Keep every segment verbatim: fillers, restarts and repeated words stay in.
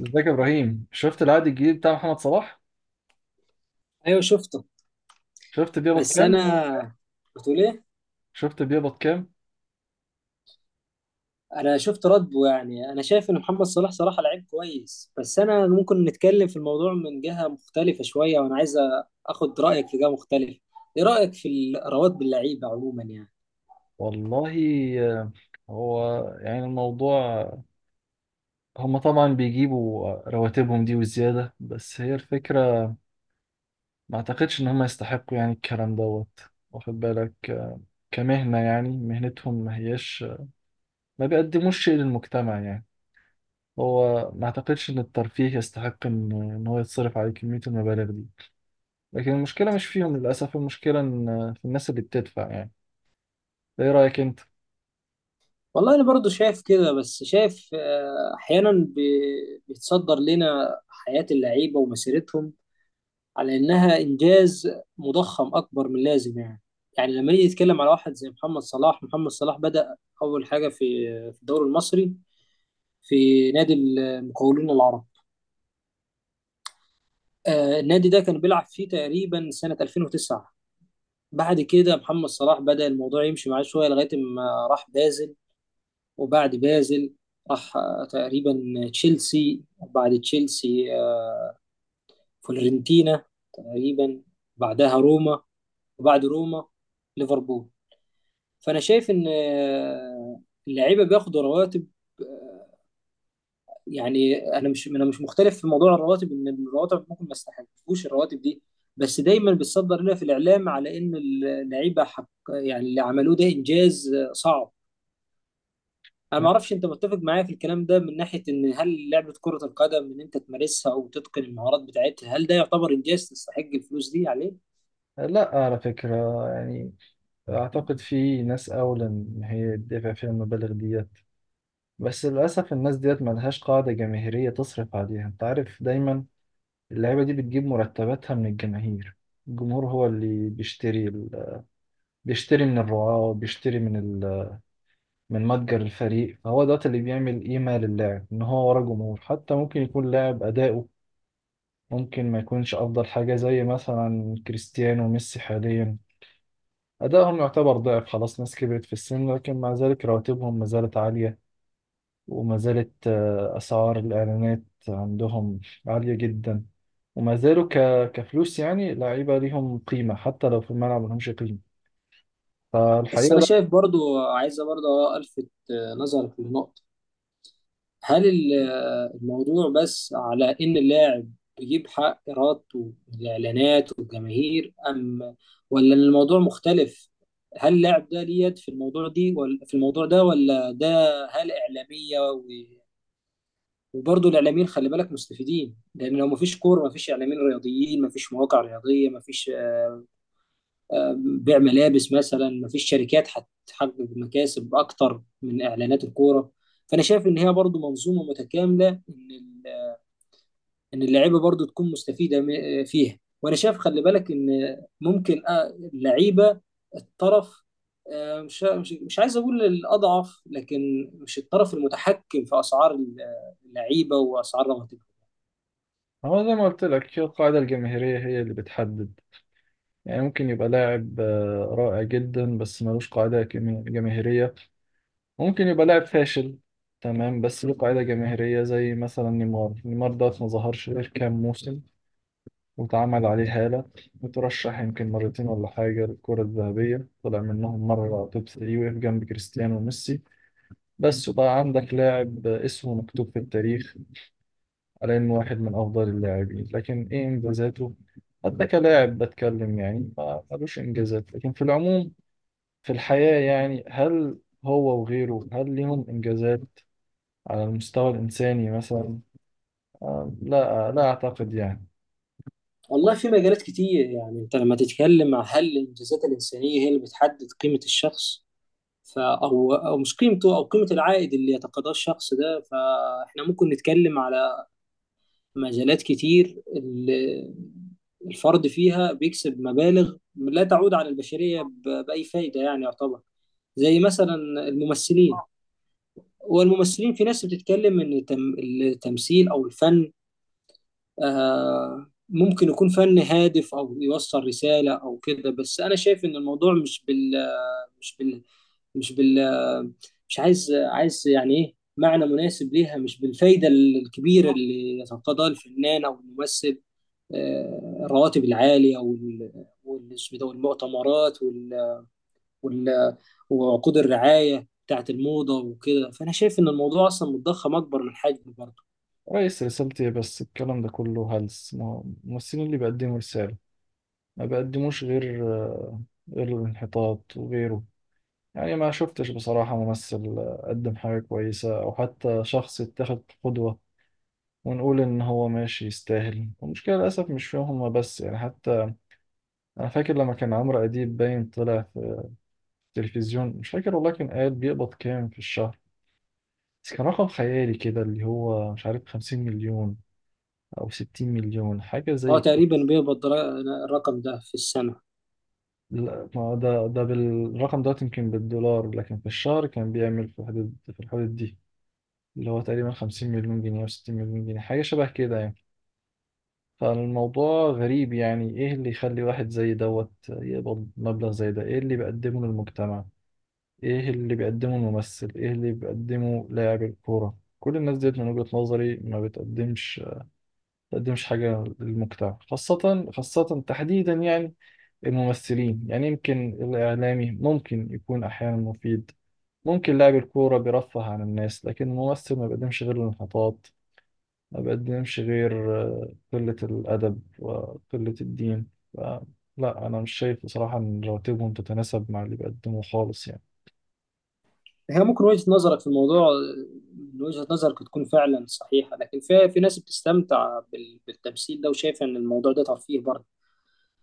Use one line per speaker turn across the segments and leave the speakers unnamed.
ازيك يا ابراهيم، شفت العقد الجديد بتاع محمد صلاح؟
ايوه، شفته.
شفت بيقبض
بس
كام؟
انا بتقول ايه؟
شفت بيقبض كام؟
انا شفت رده. يعني انا شايف ان محمد صلاح صراحه لعيب كويس، بس انا ممكن نتكلم في الموضوع من جهه مختلفه شويه، وانا عايز اخد رايك في جهه مختلفه. ايه رايك في الاراءات باللعيبه عموما يعني؟
والله. آه، هو يعني الموضوع. هم طبعا بيجيبوا رواتبهم دي وزيادة، بس هي الفكرة ما اعتقدش ان هم يستحقوا يعني الكلام دوت، واخد بالك؟ آه، كمهنة يعني مهنتهم ما هيش، ما بيقدموش شيء للمجتمع يعني. هو ما اعتقدش ان الترفيه يستحق ان إن هو يتصرف عليه كمية المبالغ دي. لكن المشكلة مش فيهم للأسف، المشكلة إن في الناس اللي بتدفع يعني. ايه رأيك انت؟
والله انا برضو شايف كده، بس شايف آه، احيانا بي- بيتصدر لنا حياه اللعيبه ومسيرتهم على انها انجاز مضخم اكبر من اللازم يعني. يعني لما نيجي نتكلم على واحد زي محمد صلاح، محمد صلاح بدأ اول حاجه في في الدوري المصري، في نادي المقاولون العرب. آه، النادي ده كان بيلعب فيه تقريبا سنه ألفين وتسعة. بعد كده محمد صلاح بدأ الموضوع يمشي معاه شويه لغايه ما راح بازل. وبعد بازل راح آه، تقريبا تشيلسي، وبعد تشيلسي آه، فلورنتينا، تقريبا بعدها روما، وبعد روما ليفربول. فانا شايف ان آه، اللعيبه بياخدوا رواتب. آه، يعني انا مش انا مش مختلف في موضوع الرواتب، ان الرواتب ممكن ما استحقوش الرواتب دي، بس دايما بتصدر لنا في الاعلام على ان اللعيبه حق، يعني اللي عملوه ده انجاز آه، صعب. انا ما اعرفش انت متفق معايا في الكلام ده من ناحيه ان هل لعبه كره القدم ان انت تمارسها او تتقن المهارات بتاعتها، هل ده يعتبر انجاز تستحق الفلوس دي عليه؟
لا، على فكرة، يعني أعتقد في ناس أولى إن هي تدفع فيها المبالغ ديت، بس للأسف الناس ديت ملهاش قاعدة جماهيرية تصرف عليها. أنت عارف دايما اللعيبة دي بتجيب مرتباتها من الجماهير. الجمهور هو اللي بيشتري ال... بيشتري من الرعاة وبيشتري من ال... من متجر الفريق، فهو دوت اللي بيعمل قيمة للاعب إن هو ورا جمهور. حتى ممكن يكون لاعب أداؤه ممكن ما يكونش أفضل حاجة، زي مثلا كريستيانو وميسي حاليا، أدائهم يعتبر ضعف خلاص، ناس كبرت في السن، لكن مع ذلك رواتبهم ما زالت عالية، وما زالت آه، أسعار الإعلانات عندهم عالية جدا، وما زالوا ك... كفلوس يعني لعيبة ليهم قيمة، حتى لو في الملعب ما لهمش قيمة.
بس
فالحقيقة
انا
لا.
شايف برضو، عايزه برضو الفت آه، نظرك لنقطه. هل ال- الموضوع بس على إن اللاعب بيجيب حق إرادته والإعلانات والجماهير، أم ولا إن الموضوع مختلف؟ هل اللاعب ده ليه يد في الموضوع دي، ولا في الموضوع ده ولا ده؟ هل إعلامية و... وبرضه الإعلاميين خلي بالك مستفيدين، لأن لو مفيش كورة مفيش إعلاميين رياضيين، مفيش مواقع رياضية، مفيش آه، بيع ملابس مثلا، مفيش شركات هتحقق مكاسب أكتر من إعلانات الكورة. فأنا شايف إن هي برضه منظومة متكاملة، إن ان اللعيبه برضو تكون مستفيده م- فيها. وانا شايف، خلي بالك، ان ممكن آه، اللعيبه الطرف، آه، مش مش مش عايز اقول الاضعف، لكن مش الطرف المتحكم في اسعار اللعيبه واسعار رواتبهم.
هو زي ما قلت لك، هي القاعدة الجماهيرية هي اللي بتحدد. يعني ممكن يبقى لاعب آه، رائع جدا بس ملوش قاعدة جم- جماهيرية، ممكن يبقى لاعب فاشل تمام بس له قاعدة جماهيرية، زي مثلا نيمار. نيمار ده ما ظهرش غير كام موسم، واتعمل عليه هالة، وترشح يمكن مرتين ولا حاجة للكرة الذهبية، طلع منهم مرة توب تلاتة، وقف جنب كريستيانو وميسي بس، وبقى عندك لاعب اسمه مكتوب في التاريخ على إنه واحد من أفضل اللاعبين. لكن إيه إنجازاته؟ حتى كلاعب بتكلم يعني ما ملوش إنجازات، لكن في العموم في الحياة يعني، هل هو وغيره هل ليهم إنجازات على المستوى الإنساني مثلا؟ آه، لا، آه، لا أعتقد يعني.
والله في مجالات كتير. يعني انت لما تتكلم عن هل الانجازات الانسانيه هي اللي بتحدد قيمه الشخص، ف او او مش قيمته، او قيمه العائد اللي يتقاضاه الشخص ده، فاحنا ممكن نتكلم على مجالات كتير ال- الفرد فيها بيكسب مبالغ لا تعود على البشرية ب- بأي فايدة، يعني يعتبر زي مثلا الممثلين. والممثلين، في ناس بتتكلم إن التم- التمثيل أو الفن آه، ممكن يكون فن هادف أو يوصل رسالة أو كده، بس أنا شايف إن الموضوع مش بال مش بال مش بال مش عايز عايز، يعني إيه معنى مناسب ليها، مش بالفايدة الكبيرة اللي يتقاضاها الفنان أو الممثل. آه، الرواتب العالية وال وال- اسمه ده، والمؤتمرات، وال... وال... وعقود الرعاية بتاعت الموضة وكده، فأنا شايف إن الموضوع أصلا متضخم أكبر من حجمه برضه.
رئيس رسالتي إيه بس الكلام ده كله هلس. ما- هو الممثلين اللي بيقدموا رسالة، ما بيقدموش غير آه، غير الانحطاط وغيره. يعني ما شفتش بصراحة ممثل آه، قدم حاجة كويسة، أو حتى شخص اتخذ قدوة ونقول إن هو ماشي يستاهل. المشكلة للأسف مش فيهم هما بس يعني، حتى أنا فاكر لما كان عمرو أديب باين طلع في التلفزيون، مش فاكر والله، كان قال بيقبض كام في الشهر، بس كان رقم خيالي كده، اللي هو مش عارف، خمسين مليون أو ستين مليون حاجة
هو
زي.
تقريبا بيقبض را- الرقم ده في السنة.
لا، ما هو ده، ده بالرقم ده يمكن بالدولار، لكن في الشهر كان بيعمل في الحدود، في الحدود دي، اللي هو تقريبا خمسين مليون جنيه او ستين مليون جنيه، حاجة شبه كده يعني. فالموضوع غريب، يعني ايه اللي يخلي واحد زي دوت يقبض مبلغ زي ده؟ ايه اللي بيقدمه للمجتمع؟ ايه اللي بيقدمه الممثل؟ ايه اللي بيقدمه لاعب الكورة؟ كل الناس ديت من وجهة نظري ما بتقدمش، بتقدمش حاجة للمجتمع. خاصة خاصة تحديدا يعني الممثلين. يعني يمكن الإعلامي ممكن يكون أحيانا مفيد، ممكن لاعب الكورة بيرفه عن الناس، لكن الممثل ما بيقدمش غير الانحطاط، ما بيقدمش غير آه، قلة الأدب وقلة الدين. ف- لا، أنا مش شايف بصراحة إن رواتبهم تتناسب مع اللي بيقدموه خالص يعني.
هي ممكن وجهة نظرك في الموضوع، آه، من وجهة نظرك تكون فعلا صحيحة، لكن في في ناس بتستمتع بال- بالتمثيل ده وشايفة إن الموضوع ده ترفيه برضه.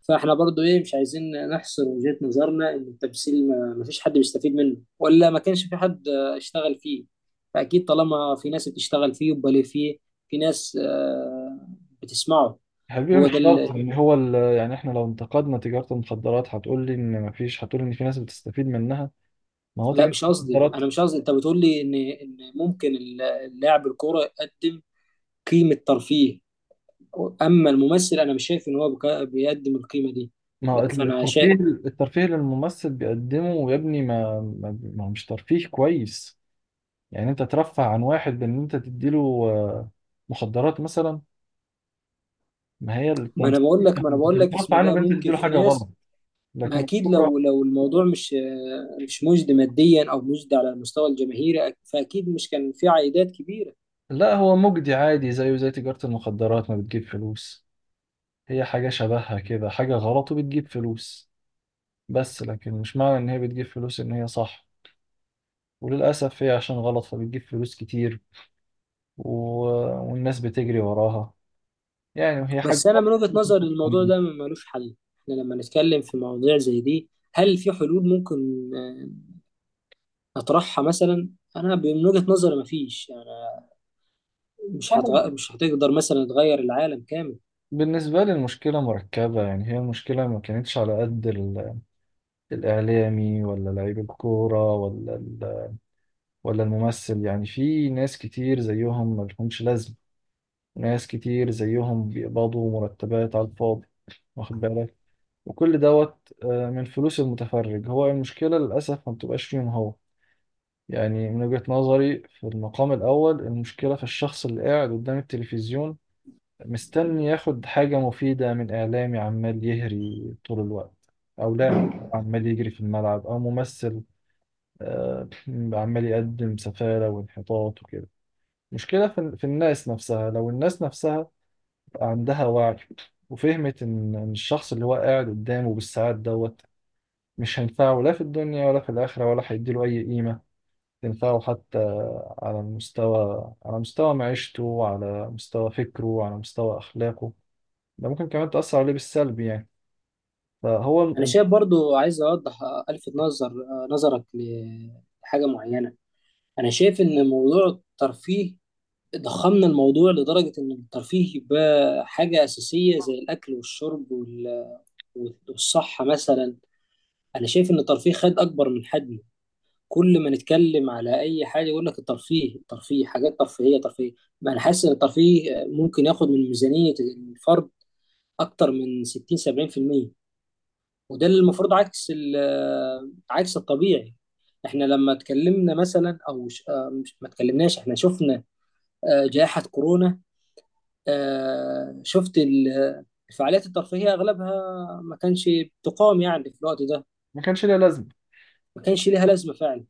فاحنا برضو ايه، مش عايزين نحصر وجهة نظرنا ان التمثيل ما ما فيش حد بيستفيد منه، ولا ما كانش في حد آه، اشتغل فيه. فاكيد طالما في ناس بتشتغل فيه، يبقى ليه فيه في ناس آه، بتسمعه.
حبيبي
هو ده
مش شرط
اللي...
يعني هو ال- يعني احنا لو انتقدنا تجارة المخدرات هتقول لي ان مفيش، هتقول ان في ناس بتستفيد منها. ما هو
لا
تجارة
مش قصدي،
المخدرات
انا مش قصدي، انت بتقول لي ان ان ممكن ال- لاعب الكوره يقدم قيمه ترفيه، اما الممثل انا مش شايف ان هو بك- بيقدم القيمه دي.
ما هو
لا فانا
الترفيه.
شايف.
الترفيه اللي الممثل بيقدمه يا ابني، ما ما ما هو مش ترفيه كويس، يعني انت ترفه عن واحد بان انت تديله آه، مخدرات مثلا. ما هي
ما انا بقول
التمثيل
لك
انت
ما انا بقول لك،
بترفه
اسم
عنه
ده
بان انت
ممكن
تديله
في
حاجه
ناس.
غلط،
ما
لكن
اكيد، لو
الكوره
لو الموضوع مش مش مجدي ماديا، او مجدي على المستوى الجماهيري، فاكيد مش كان في عائدات كبيره.
لا، هو مجدي عادي، زيه زي تجاره المخدرات، ما بتجيب فلوس، هي حاجه شبهها كده، حاجه غلط وبتجيب فلوس. بس لكن مش معنى ان هي بتجيب فلوس ان هي صح، وللاسف هي عشان غلط فبتجيب فلوس كتير، و... والناس بتجري وراها يعني، وهي حاجة
بس انا من وجهه نظري الموضوع ده ملوش حل. احنا لما نتكلم في مواضيع زي دي، هل في حلول ممكن آه، نطرحها مثلا؟ انا من وجهه نظري مفيش، يعني مش
صعبة.
هتغ... مش هتقدر مثلا تغير العالم كامل.
بالنسبة لي المشكلة مركبة، يعني هي المشكلة ما كانتش على قد ال- الإعلامي، ولا لعيب الكورة، ولا ال- ولا الممثل، يعني في ناس كتير زيهم ما لهمش لازمة، ناس كتير زيهم بيقبضوا مرتبات على الفاضي، واخد بالك؟ وكل دوت آه، من فلوس المتفرج. هو المشكلة للأسف ما بتبقاش فيهم هو، يعني من وجهة نظري في المقام الأول المشكلة في الشخص اللي قاعد قدام التلفزيون، مستني ياخد حاجة مفيدة من إعلامي عمال يهري طول الوقت، أو لاعب عمال يجري في الملعب، أو ممثل آه، عمال يقدم سفالة وانحطاط وكده. مشكلة في في الناس نفسها، لو الناس نفسها عندها وعي وفهمت إن إن الشخص اللي هو قاعد قدامه بالساعات دوت مش هينفعه لا في الدنيا ولا في الآخرة، ولا هيديله أي قيمة تنفعه حتى، على المستوى، على مستوى معيشته، على مستوى فكره، على مستوى أخلاقه، ده ممكن كمان تأثر عليه بالسلب يعني. فهو
انا
ال-
شايف برضو، عايز اوضح، آه، الفت نظر، آه، نظرك لحاجه معينه. انا شايف ان موضوع الترفيه، ضخمنا الموضوع لدرجة إن الترفيه بقى حاجة أساسية زي الأكل والشرب وال- والصحة مثلا. أنا شايف إن الترفيه خد أكبر من حجمه. كل ما نتكلم على أي حاجة يقول لك الترفيه، الترفيه، حاجات ترفيهية، ترفيه. ما أنا حاسس إن الترفيه ممكن ياخد من ميزانية الفرد أكتر من ستين سبعين في المئة، وده اللي المفروض عكس ال- عكس الطبيعي. احنا لما اتكلمنا مثلا او ش- آه، مش- ما اتكلمناش، احنا شفنا آه، جائحة كورونا. آه، شفت ال- الفعاليات الترفيهية أغلبها ما كانش بتقام يعني في الوقت ده،
ما كانش ليه لازمة.
ما كانش ليها لازمة فعلا.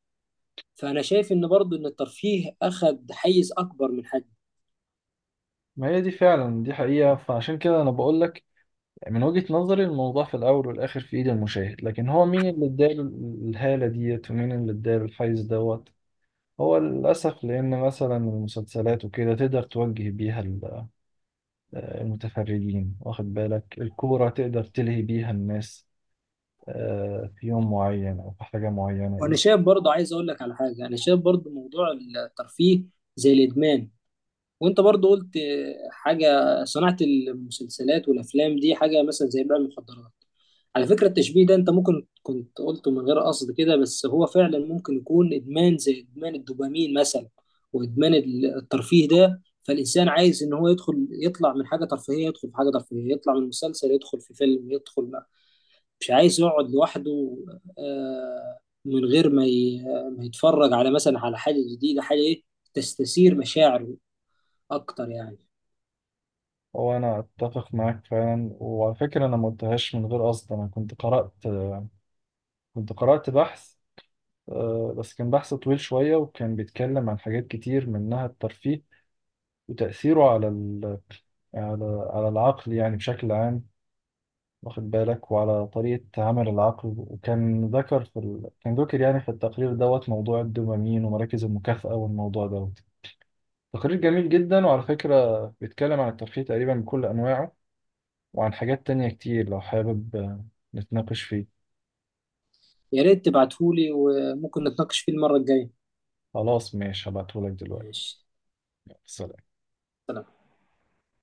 فأنا شايف إن برضو إن الترفيه أخد حيز أكبر من حجمه.
ما هي دي فعلا، دي حقيقة، فعشان كده أنا بقول لك من وجهة نظري الموضوع في الأول والآخر في إيد المشاهد، لكن هو مين اللي اداله ال- الهالة ديت، ومين اللي اداله الحيز دوت. هو للأسف، لأن مثلا المسلسلات وكده تقدر توجه بيها ال- آه، المتفرجين، واخد بالك؟ الكورة تقدر تلهي بيها الناس آه، في يوم معين أو في حاجة
وأنا
معينة.
شايف برضو، عايز أقول لك على حاجة. أنا شايف برضو موضوع الترفيه زي الإدمان. وانت برضو قلت حاجة، صناعة المسلسلات والافلام دي حاجة مثلا زي بيع المخدرات. على فكرة التشبيه ده، انت ممكن كنت قلته من غير قصد كده، بس هو فعلا ممكن يكون ادمان زي ادمان الدوبامين مثلا. وادمان الترفيه ده، فالانسان عايز ان هو يدخل، يطلع من حاجة ترفيهية يدخل في حاجة ترفيهية، يطلع من مسلسل يدخل في فيلم، يدخل، مش عايز يقعد لوحده آه، من غير ما ي- ما يتفرج على مثلا، على حاجة جديدة، حاجة ايه، تستثير مشاعره اكتر يعني.
هو انا اتفق معاك فعلا، وعلى فكره انا ما قلتهاش من غير قصد، انا كنت قرات كنت قرات بحث، آه، بس كان بحث طويل شويه، وكان بيتكلم عن حاجات كتير منها الترفيه وتاثيره على ال... على على العقل يعني بشكل عام، واخد بالك؟ وعلى طريقه عمل العقل. وكان ذكر في ال... كان ذكر يعني في التقرير دوت موضوع الدوبامين ومراكز المكافاه والموضوع دوت. تقرير جميل جدا، وعلى فكره بيتكلم عن الترفيه تقريبا بكل انواعه، وعن حاجات تانية كتير، لو حابب آه، نتناقش فيه.
يا ريت تبعتهولي، وممكن نتناقش فيه المرة الجاية.
خلاص ماشي، هبعتهولك دلوقتي.
ماشي.
يلا، سلام.
سلام.